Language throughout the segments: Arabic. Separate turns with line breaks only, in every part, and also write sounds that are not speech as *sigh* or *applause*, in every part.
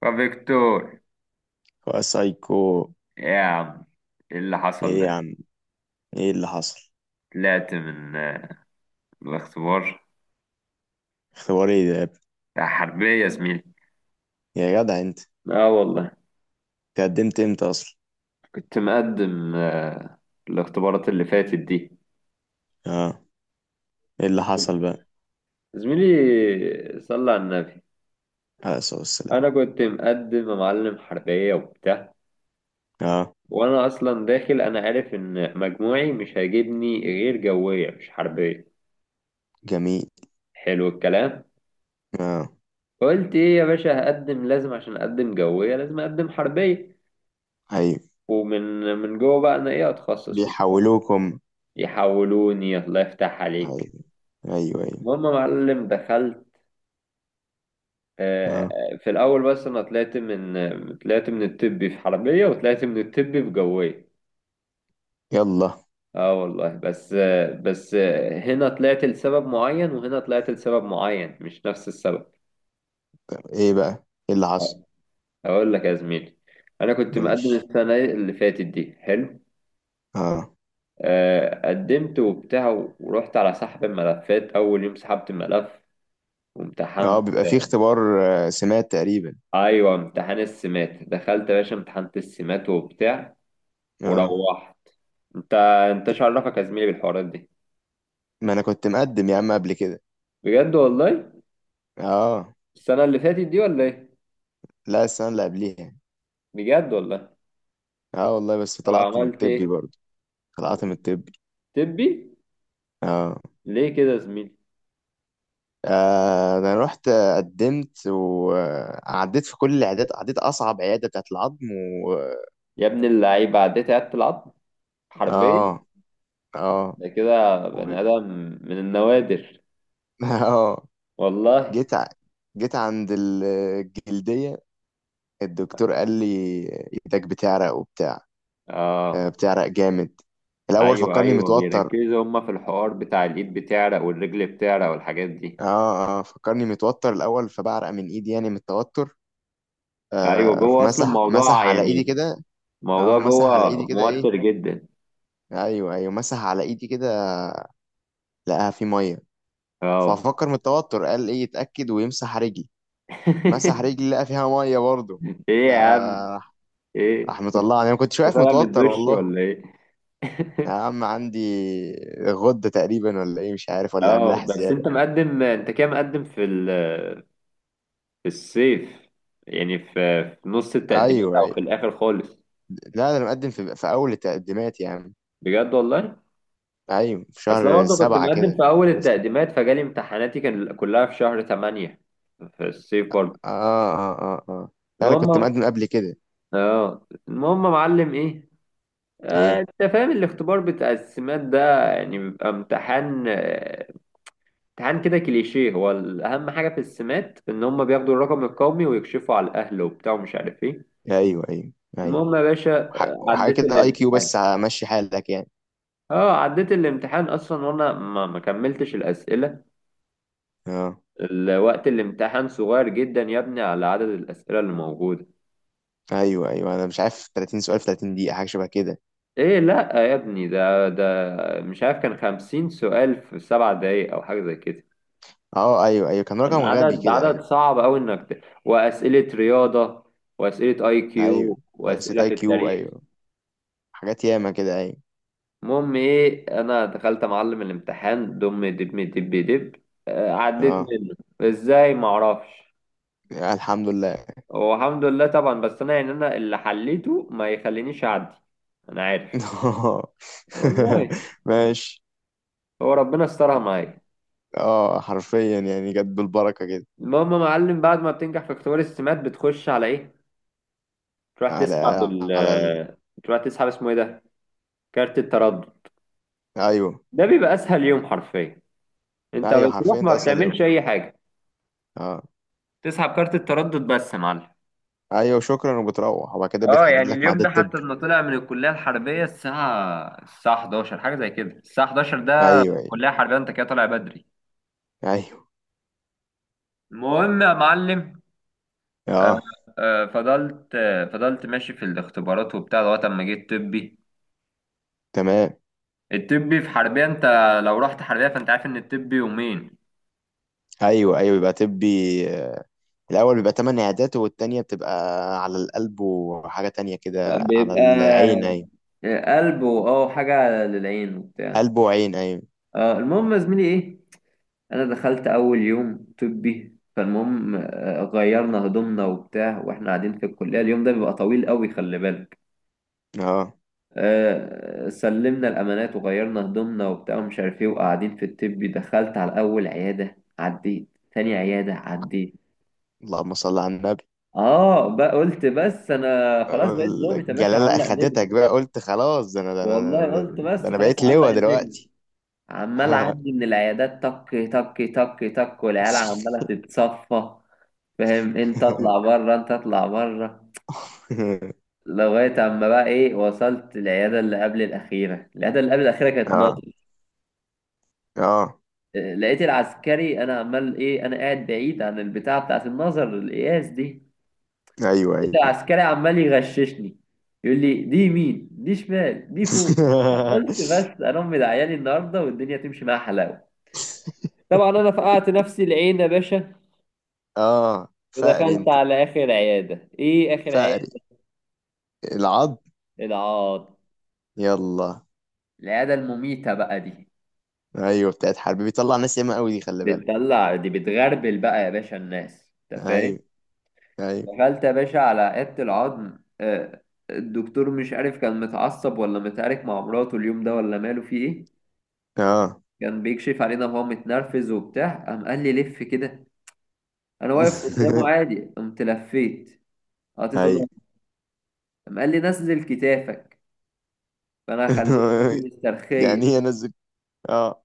ففيكتور
فسايكو.
يا عم، ايه اللي حصل
ايه يا
ده؟
عم؟ ايه اللي حصل؟
طلعت من من الاختبار.
اختبار ايه ده يا ابني؟
ده حربية يا زميلي.
يا جدع انت،
اه والله.
تقدمت امتى اصلا؟
كنت مقدم الاختبارات اللي فاتت دي.
اه. ايه اللي حصل بقى؟
زميلي صلى على النبي.
عليه الصلاة والسلام.
انا كنت مقدم يا معلم حربية وبتاع.
اه.
وانا اصلا داخل انا عارف ان مجموعي مش هيجيبني غير جوية مش حربية.
جميل.
حلو الكلام.
اه.
قلت ايه يا باشا، هقدم لازم، عشان اقدم جوية لازم اقدم حربية.
ايوه،
ومن جوه بقى انا ايه اتخصص وبتاع.
بيحولوكم؟
يحولوني الله يفتح عليك.
ايوه ايوه ايوه.
المهم يا معلم دخلت،
اه.
في الاول بس انا طلعت من الطبي في حربيه وطلعت من الطبي في جويه.
يلا.
اه والله. بس هنا طلعت لسبب معين وهنا طلعت لسبب معين، مش نفس السبب.
طب ايه بقى؟ ايه اللي حصل؟
اقول لك يا زميلي، انا كنت مقدم
ماشي.
السنه اللي فاتت دي. حلو.
اه.
قدمت وبتاع، ورحت على سحب الملفات. اول يوم سحبت الملف
اه،
وامتحنت.
بيبقى فيه اختبار سمات تقريبا.
ايوه، امتحان السمات. دخلت يا باشا امتحنت السمات وبتاع،
اه.
وروحت. انت انت
ت-
إيش عرفك يا زميلي بالحوارات دي؟
ما انا كنت مقدم يا عم قبل كده.
بجد والله؟
اه.
السنه اللي فاتت دي ولا ايه؟
لا، السنة اللي قبليها.
بجد والله.
اه والله، بس
طب
طلعت من
عملت
الطبي
ايه؟
برضه. طلعت من الطبي.
طبي؟
اه.
ليه كده يا زميلي؟
انا رحت، قدمت وعديت في كل العيادات، عديت اصعب عياده بتاعت العظم. و
يا ابن اللعيبه، عديت عدت العظم حربيا؟
اه اه
ده كده
و...
بني ادم من النوادر
*laughs* اه.
والله.
جيت ع... جيت عند الجلديه. الدكتور قال لي ايدك بتعرق وبتاع.
اه.
بتعرق جامد. الاول
ايوه
فكرني
ايوه،
متوتر.
بيركزوا هما في الحوار بتاع الايد بتعرق والرجل بتعرق والحاجات دي.
اه اه، فكرني متوتر الاول، فبعرق من ايدي يعني من التوتر.
ايوه
آه،
جوه اصلا
فمسح
موضوع
على ايدي
يعني،
كده.
الموضوع
اه، مسح على
جوه
ايدي كده ايه.
موتر جدا.
ايوه ايوه، مسح على ايدي كده، لقاها في ميه.
اه.
فافكر من التوتر، قال ايه، يتاكد ويمسح رجلي. مسح
*laughs*
رجلي لقى فيها ميه برضه.
ايه يا عم؟
فراح،
ايه؟
راح مطلعني. انا كنت
ده
واقف
طالع من
متوتر
الدش
والله.
ولا ايه؟
يا
*laughs*
عم، عندي غده تقريبا ولا ايه، مش عارف، ولا
اه
املاح
بس انت
زياده.
مقدم، انت كده مقدم في ال... في الصيف؟ يعني في... في نص التقديمات
ايوه،
او
أيوة.
في الاخر خالص؟
لا، ده انا مقدم في اول التقدمات يا عم.
بجد والله؟
ايوه، في
اصل انا
شهر
برضه كنت
سبعة
مقدم
كده.
في اول
شهر ستة.
التقديمات، فجالي امتحاناتي كان كلها في شهر 8. في الصيف برضه.
اه اه اه. اه، لا، انا كنت
المهم.
مقدم قبل كده.
اه المهم يا معلم ايه،
ايه.
انت فاهم الاختبار بتاع السمات ده؟ يعني بيبقى امتحان امتحان كده كليشيه هو. اهم حاجه في السمات ان هم بياخدوا الرقم القومي ويكشفوا على الاهل وبتاع ومش عارف ايه.
ايوه ايوه ايوه.
المهم يا باشا،
وحاجه
عديت
كده اي كيو
الامتحان.
بس، ماشي حالك يعني.
اه عديت الامتحان اصلا وانا ما كملتش الاسئله.
اه
وقت الامتحان صغير جدا يا ابني على عدد الاسئله اللي موجوده.
ايوه ايوه، انا مش عارف، 30 سؤال في 30 دقيقة، حاجة شبه كده.
ايه لا يا ابني، ده مش عارف كان 50 سؤال في 7 دقايق او حاجه زي كده.
اه ايوه ايوه، كان
كان
رقم غبي
عدد
كده،
عدد
ايوه.
صعب قوي انك واسئله رياضه واسئله اي
ايوه
كيو
وقيسة
واسئله
اي
في
كيو،
التاريخ.
ايوه. حاجات ياما كده، ايوه.
المهم ايه، انا دخلت معلم الامتحان دم دب دب دب. عديت
اه.
منه. ازاي ما اعرفش.
الحمد لله.
هو الحمد لله طبعا، بس انا يعني انا اللي حليته ما يخلينيش اعدي. انا عارف
*laughs*
والله.
ماشي.
هو ربنا استرها معايا.
اه، حرفيا يعني جت بالبركة كده.
المهم يا معلم، بعد ما بتنجح في اختبار السمات بتخش على ايه؟ تروح تسحب
على،
ال
على ال...
تروح تسحب اسمه ايه ده، كارت التردد.
ايوه
ده بيبقى اسهل يوم حرفيا، انت
ايوه، حرفيا
بتروح ما
ده اسهل يوم.
بتعملش اي حاجه.
اه.
تسحب كارت التردد بس يا معلم.
ايوه شكرا، وبتروح وبعد كده
اه
بيتحدد
يعني
لك
اليوم
ميعاد
ده حتى
الطبي.
لما طلع من الكليه الحربيه الساعه 11، حاجه زي كده الساعه 11 ده.
ايوه ايوه
الكليه الحربيه انت كده طالع بدري.
ايوه.
المهم يا معلم، آه
اه.
فضلت ماشي في الاختبارات وبتاع لغايه اما جيت طبي.
تمام.
الطبي في حربيه انت لو رحت حربيه فانت عارف ان الطبي يومين.
ايوه ايوه، يبقى طبي، الأول بيبقى تمن عيادات، والتانية بتبقى على القلب وحاجة تانية كده على العين.
بيبقى
أيوة.
قلبه اه، حاجة للعين وبتاع.
قلب وعين، أيوة.
آه المهم يا زميلي ايه، انا دخلت اول يوم طبي. فالمهم غيرنا هدومنا وبتاع واحنا قاعدين في الكليه. اليوم ده بيبقى طويل قوي، خلي بالك.
اه.
سلمنا الامانات وغيرنا هدومنا وبتاع ومش عارف ايه، وقاعدين في الطبي. دخلت على اول عياده عديت، تاني عياده عديت.
اللهم صل على النبي.
اه بقى قلت بس انا خلاص بقيت
أقول لك
ظابط يا باشا،
جلالة
هعلق نجم.
أخدتك بقى، قلت خلاص، ده أنا ده
والله
أنا
قلت
ده
بس
أنا
خلاص
بقيت
هعلق
لواء
النجم.
دلوقتي.
عمال اعدي من العيادات، تك تك تك تك، والعيال عماله
*laughs*
تتصفى. فاهم؟ انت اطلع بره، انت اطلع بره. لغايه اما بقى ايه، وصلت العياده اللي قبل الاخيره. العياده اللي قبل الاخيره كانت
اه.
نظر.
اه.
لقيت العسكري، انا عمال ايه، انا قاعد بعيد عن البتاعه بتاعه النظر القياس دي.
أيوة
لقيت
أيوة.
العسكري عمال يغششني، يقول لي دي يمين، دي شمال، دي فوق. قلت
*laughs*
بس انا امي دعياني النهارده والدنيا تمشي معاها حلاوه. طبعا انا فقعت نفسي العين يا باشا.
اه، فقري
ودخلت
أنت.
على اخر عياده. ايه اخر عياده؟
فقري. العض.
العاط.
يلا.
العياده المميته بقى دي.
أيوة، بتاعت حرب، بيطلع ناس ياما قوي دي، خلي بالك.
بتطلع دي، بتغربل بقى يا باشا الناس، انت فاهم.
أيوة أيوة.
دخلت يا باشا على عيادة العظم، الدكتور مش عارف كان متعصب ولا متعارك مع مراته اليوم ده ولا ماله في ايه.
اه.
كان بيكشف علينا وهو متنرفز وبتاع. قام قال لي لف كده. انا واقف قدامه
*laughs*
عادي، قمت لفيت. حطيته
هاي.
ده. قام قال لي نزل كتافك. فانا خليت كتافي
*laughs*
مسترخيه.
يعني ايه انزل. اه.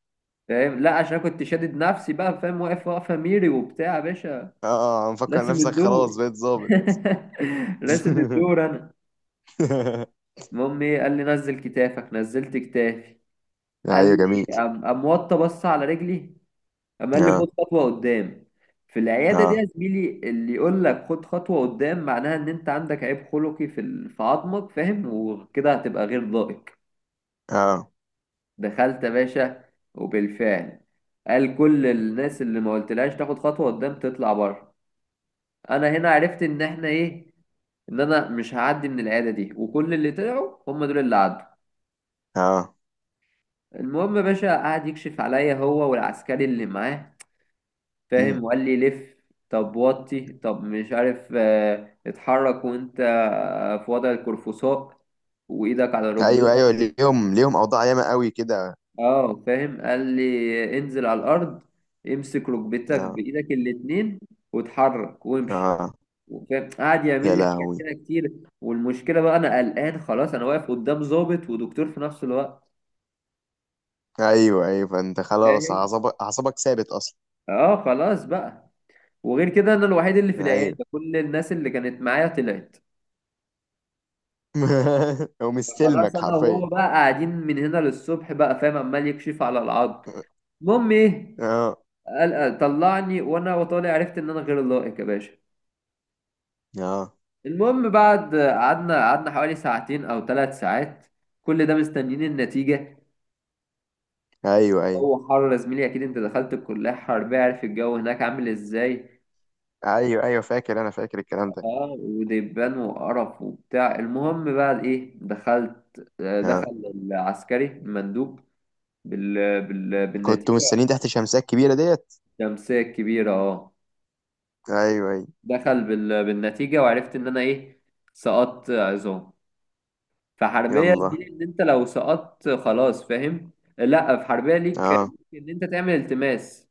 فاهم؟ لا عشان كنت شادد نفسي بقى، فاهم، واقف واقفه ميري وبتاع يا باشا.
اه، مفكر
لازم
نفسك خلاص
الدور.
بقيت ظابط.
*laughs* لازم
*laughs*
الدور انا. المهم ايه، قال لي نزل كتافك، نزلت كتافي. قال
ايوه جميل.
لي قام قام وطى، بص على رجلي. قام قال لي خد
اه
خطوه قدام. في العياده دي يا
اه
زميلي، اللي يقول لك خد خطوه قدام معناها ان انت عندك عيب خلقي في في عظمك، فاهم، وكده هتبقى غير لائق.
اه
دخلت يا باشا، وبالفعل قال كل الناس اللي ما قلتلهاش تاخد خطوه قدام تطلع بره. انا هنا عرفت ان احنا ايه، ان انا مش هعدي من العياده دي، وكل اللي طلعوا هم دول اللي عدوا.
اه.
المهم يا باشا قعد يكشف عليا هو والعسكري اللي معاه،
مم.
فاهم، وقال لي لف، طب وطي، طب مش عارف، اتحرك وانت في وضع القرفصاء وايدك على
ايوه ايوه،
ركبتك وبتاع.
ليهم اوضاع ياما قوي كده.
اه فاهم، قال لي انزل على الارض، امسك ركبتك
اه.
بايدك الاتنين واتحرك وامشي.
اه.
وفاهم قعد
يا
يعمل لي حاجات
لهوي.
كده كتير. والمشكله بقى انا قلقان خلاص، انا واقف قدام ضابط ودكتور في نفس الوقت،
ايوه ايوه، فانت خلاص،
فاهم.
اعصابك ثابت اصلا.
اه خلاص بقى. وغير كده انا الوحيد اللي في
ايوه.
العياده *laughs* كل الناس اللي كانت معايا طلعت.
*laughs* هو
خلاص
مستلمك
انا
حرفيا.
وهو بقى قاعدين من هنا للصبح بقى، فاهم، عمال يكشف على العظم. المهم ايه،
اه.
قال طلعني، وانا وطالع عرفت ان انا غير لائق يا باشا.
اه.
المهم بعد، قعدنا حوالي ساعتين او 3 ساعات، كل ده مستنيين النتيجه.
ايوه ايوه.
هو حر يا زميلي، اكيد انت دخلت الكليه حربيه عارف الجو هناك عامل ازاي.
ايوه ايوه، فاكر، انا فاكر الكلام ده.
اه ودبان وقرف وبتاع. المهم بقى ايه، دخلت،
اه،
دخل العسكري المندوب
كنت
بالنتيجة.
مستنيين تحت الشمسية الكبيرة ديت.
الشمسية الكبيرة اه.
ايوه ايوه.
دخل بالنتيجة وعرفت ان انا ايه، سقطت عظام. في حربية يا
يلا.
زميلي ان انت لو سقطت خلاص، فاهم. لا في حربية ليك،
اه.
ليك ان انت تعمل التماس،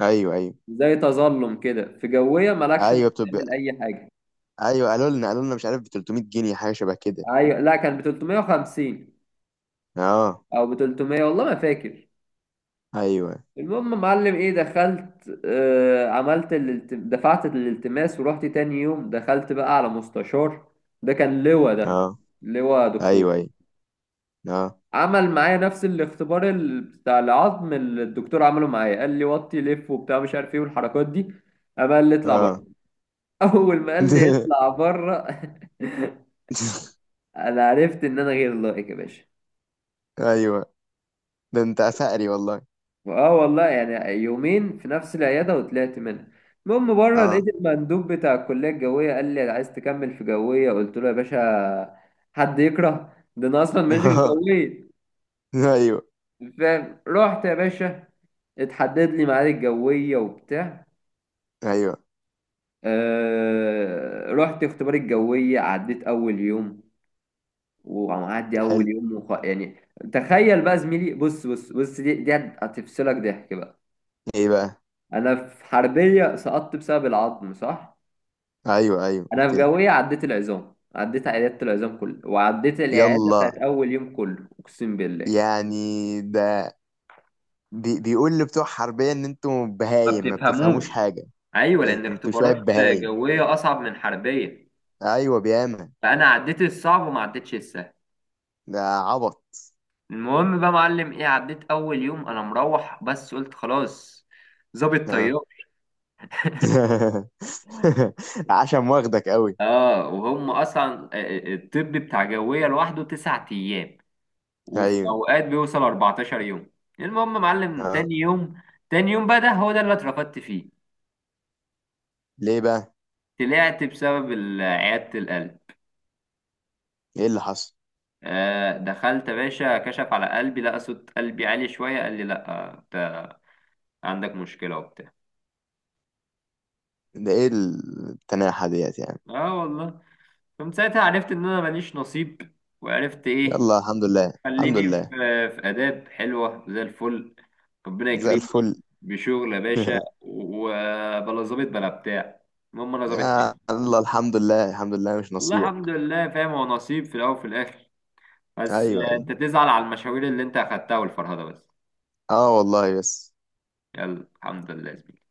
ايوه ايوه.
زي تظلم كده. في جوية مالكش
ايوه
انك تعمل
بتبقى،
اي حاجة.
ايوه قالوا لنا، قالوا لنا مش عارف ب 300 جنيه حاجه شبه كده.
ايوه لا كان ب 350
اه.
او ب 300، والله ما فاكر.
ايوه.
المهم معلم ايه، دخلت آه عملت دفعت الالتماس، ورحت تاني يوم دخلت بقى على مستشار. ده كان لواء ده،
اه.
لواء دكتور.
ايوه ايوه. اه.
عمل معايا نفس الاختبار بتاع العظم اللي الدكتور عمله معايا. قال لي وطي، لف، وبتاع مش عارف ايه والحركات دي. قام قال لي اطلع بره.
اه.
*laughs* اول ما قال لي اطلع
*laughs*
بره *laughs* انا عرفت ان انا غير لائق يا باشا.
ايوه، ده انت عسقري والله.
اه والله يعني يومين في نفس العيادة وطلعت منها. المهم بره
اه.
لقيت المندوب بتاع الكلية الجوية. قال لي عايز تكمل في جوية؟ قلت له يا باشا حد يكره؟ ده انا اصلا ماشي في
*laughs*
الجوية.
ايوه
فاهم؟ رحت يا باشا، اتحدد لي ميعاد الجوية وبتاع.
ايوه.
آه رحت اختبار الجوية، عديت أول يوم. وعدي
حلو.
أول يوم يعني تخيل بقى زميلي، بص بص بص، دي هتفصلك ضحك بقى.
ايه بقى؟
أنا في حربية سقطت بسبب العظم، صح؟
ايوه ايوه،
انا
قلت
في
لي.
جويه عديت العظام، عديت عياده العظام كله، وعديت العياده
يلا.
بتاعت اول يوم كله، اقسم بالله.
يعني ده بي، بيقول لبتوع حربيه ان انتوا
ما
بهايم، ما بتفهموش
بتفهموش.
حاجه.
ايوه لان
انتوا شويه
اختبارات
بهايم.
جويه اصعب من حربيه.
ايوه بياما.
فانا عديت الصعب وما عديتش السهل.
ده عبط.
المهم بقى معلم ايه، عديت اول يوم انا مروح، بس قلت خلاص ظابط
آه.
طيار.
*laughs* عشان واخدك قوي.
اه وهم اصلا الطب بتاع جويه لوحده 9 ايام، وفي
ايوه.
اوقات بيوصل 14 يوم. المهم معلم
اه.
تاني يوم، تاني يوم بقى ده هو ده اللي اترفدت فيه.
ليه بقى؟
طلعت بسبب عيادة القلب.
ايه اللي حصل؟
آه دخلت يا باشا، كشف على قلبي لقى صوت قلبي عالي شوية، قال لي لأ انت عندك مشكلة وبتاع.
ده ايه التناحة ديت يعني؟
اه والله. فمن ساعتها عرفت ان انا ماليش نصيب. وعرفت ايه،
يلا الحمد لله. الحمد
خليني في
لله.
في آداب حلوة زي الفل. ربنا
زي
يكرمني
الفل.
بشغل يا باشا
*laughs*
وبلا ظابط بلا بتاع. المهم انا ظابط
يا
حالي.
الله، الحمد لله الحمد لله، مش
والله الحمد
نصيبك.
لله، فاهم، هو نصيب في الاول وفي الاخر. بس
ايوه ايوه.
انت تزعل على المشاوير اللي انت اخدتها والفرهدة بس.
اه والله، بس
يلا الحمد لله زميلي.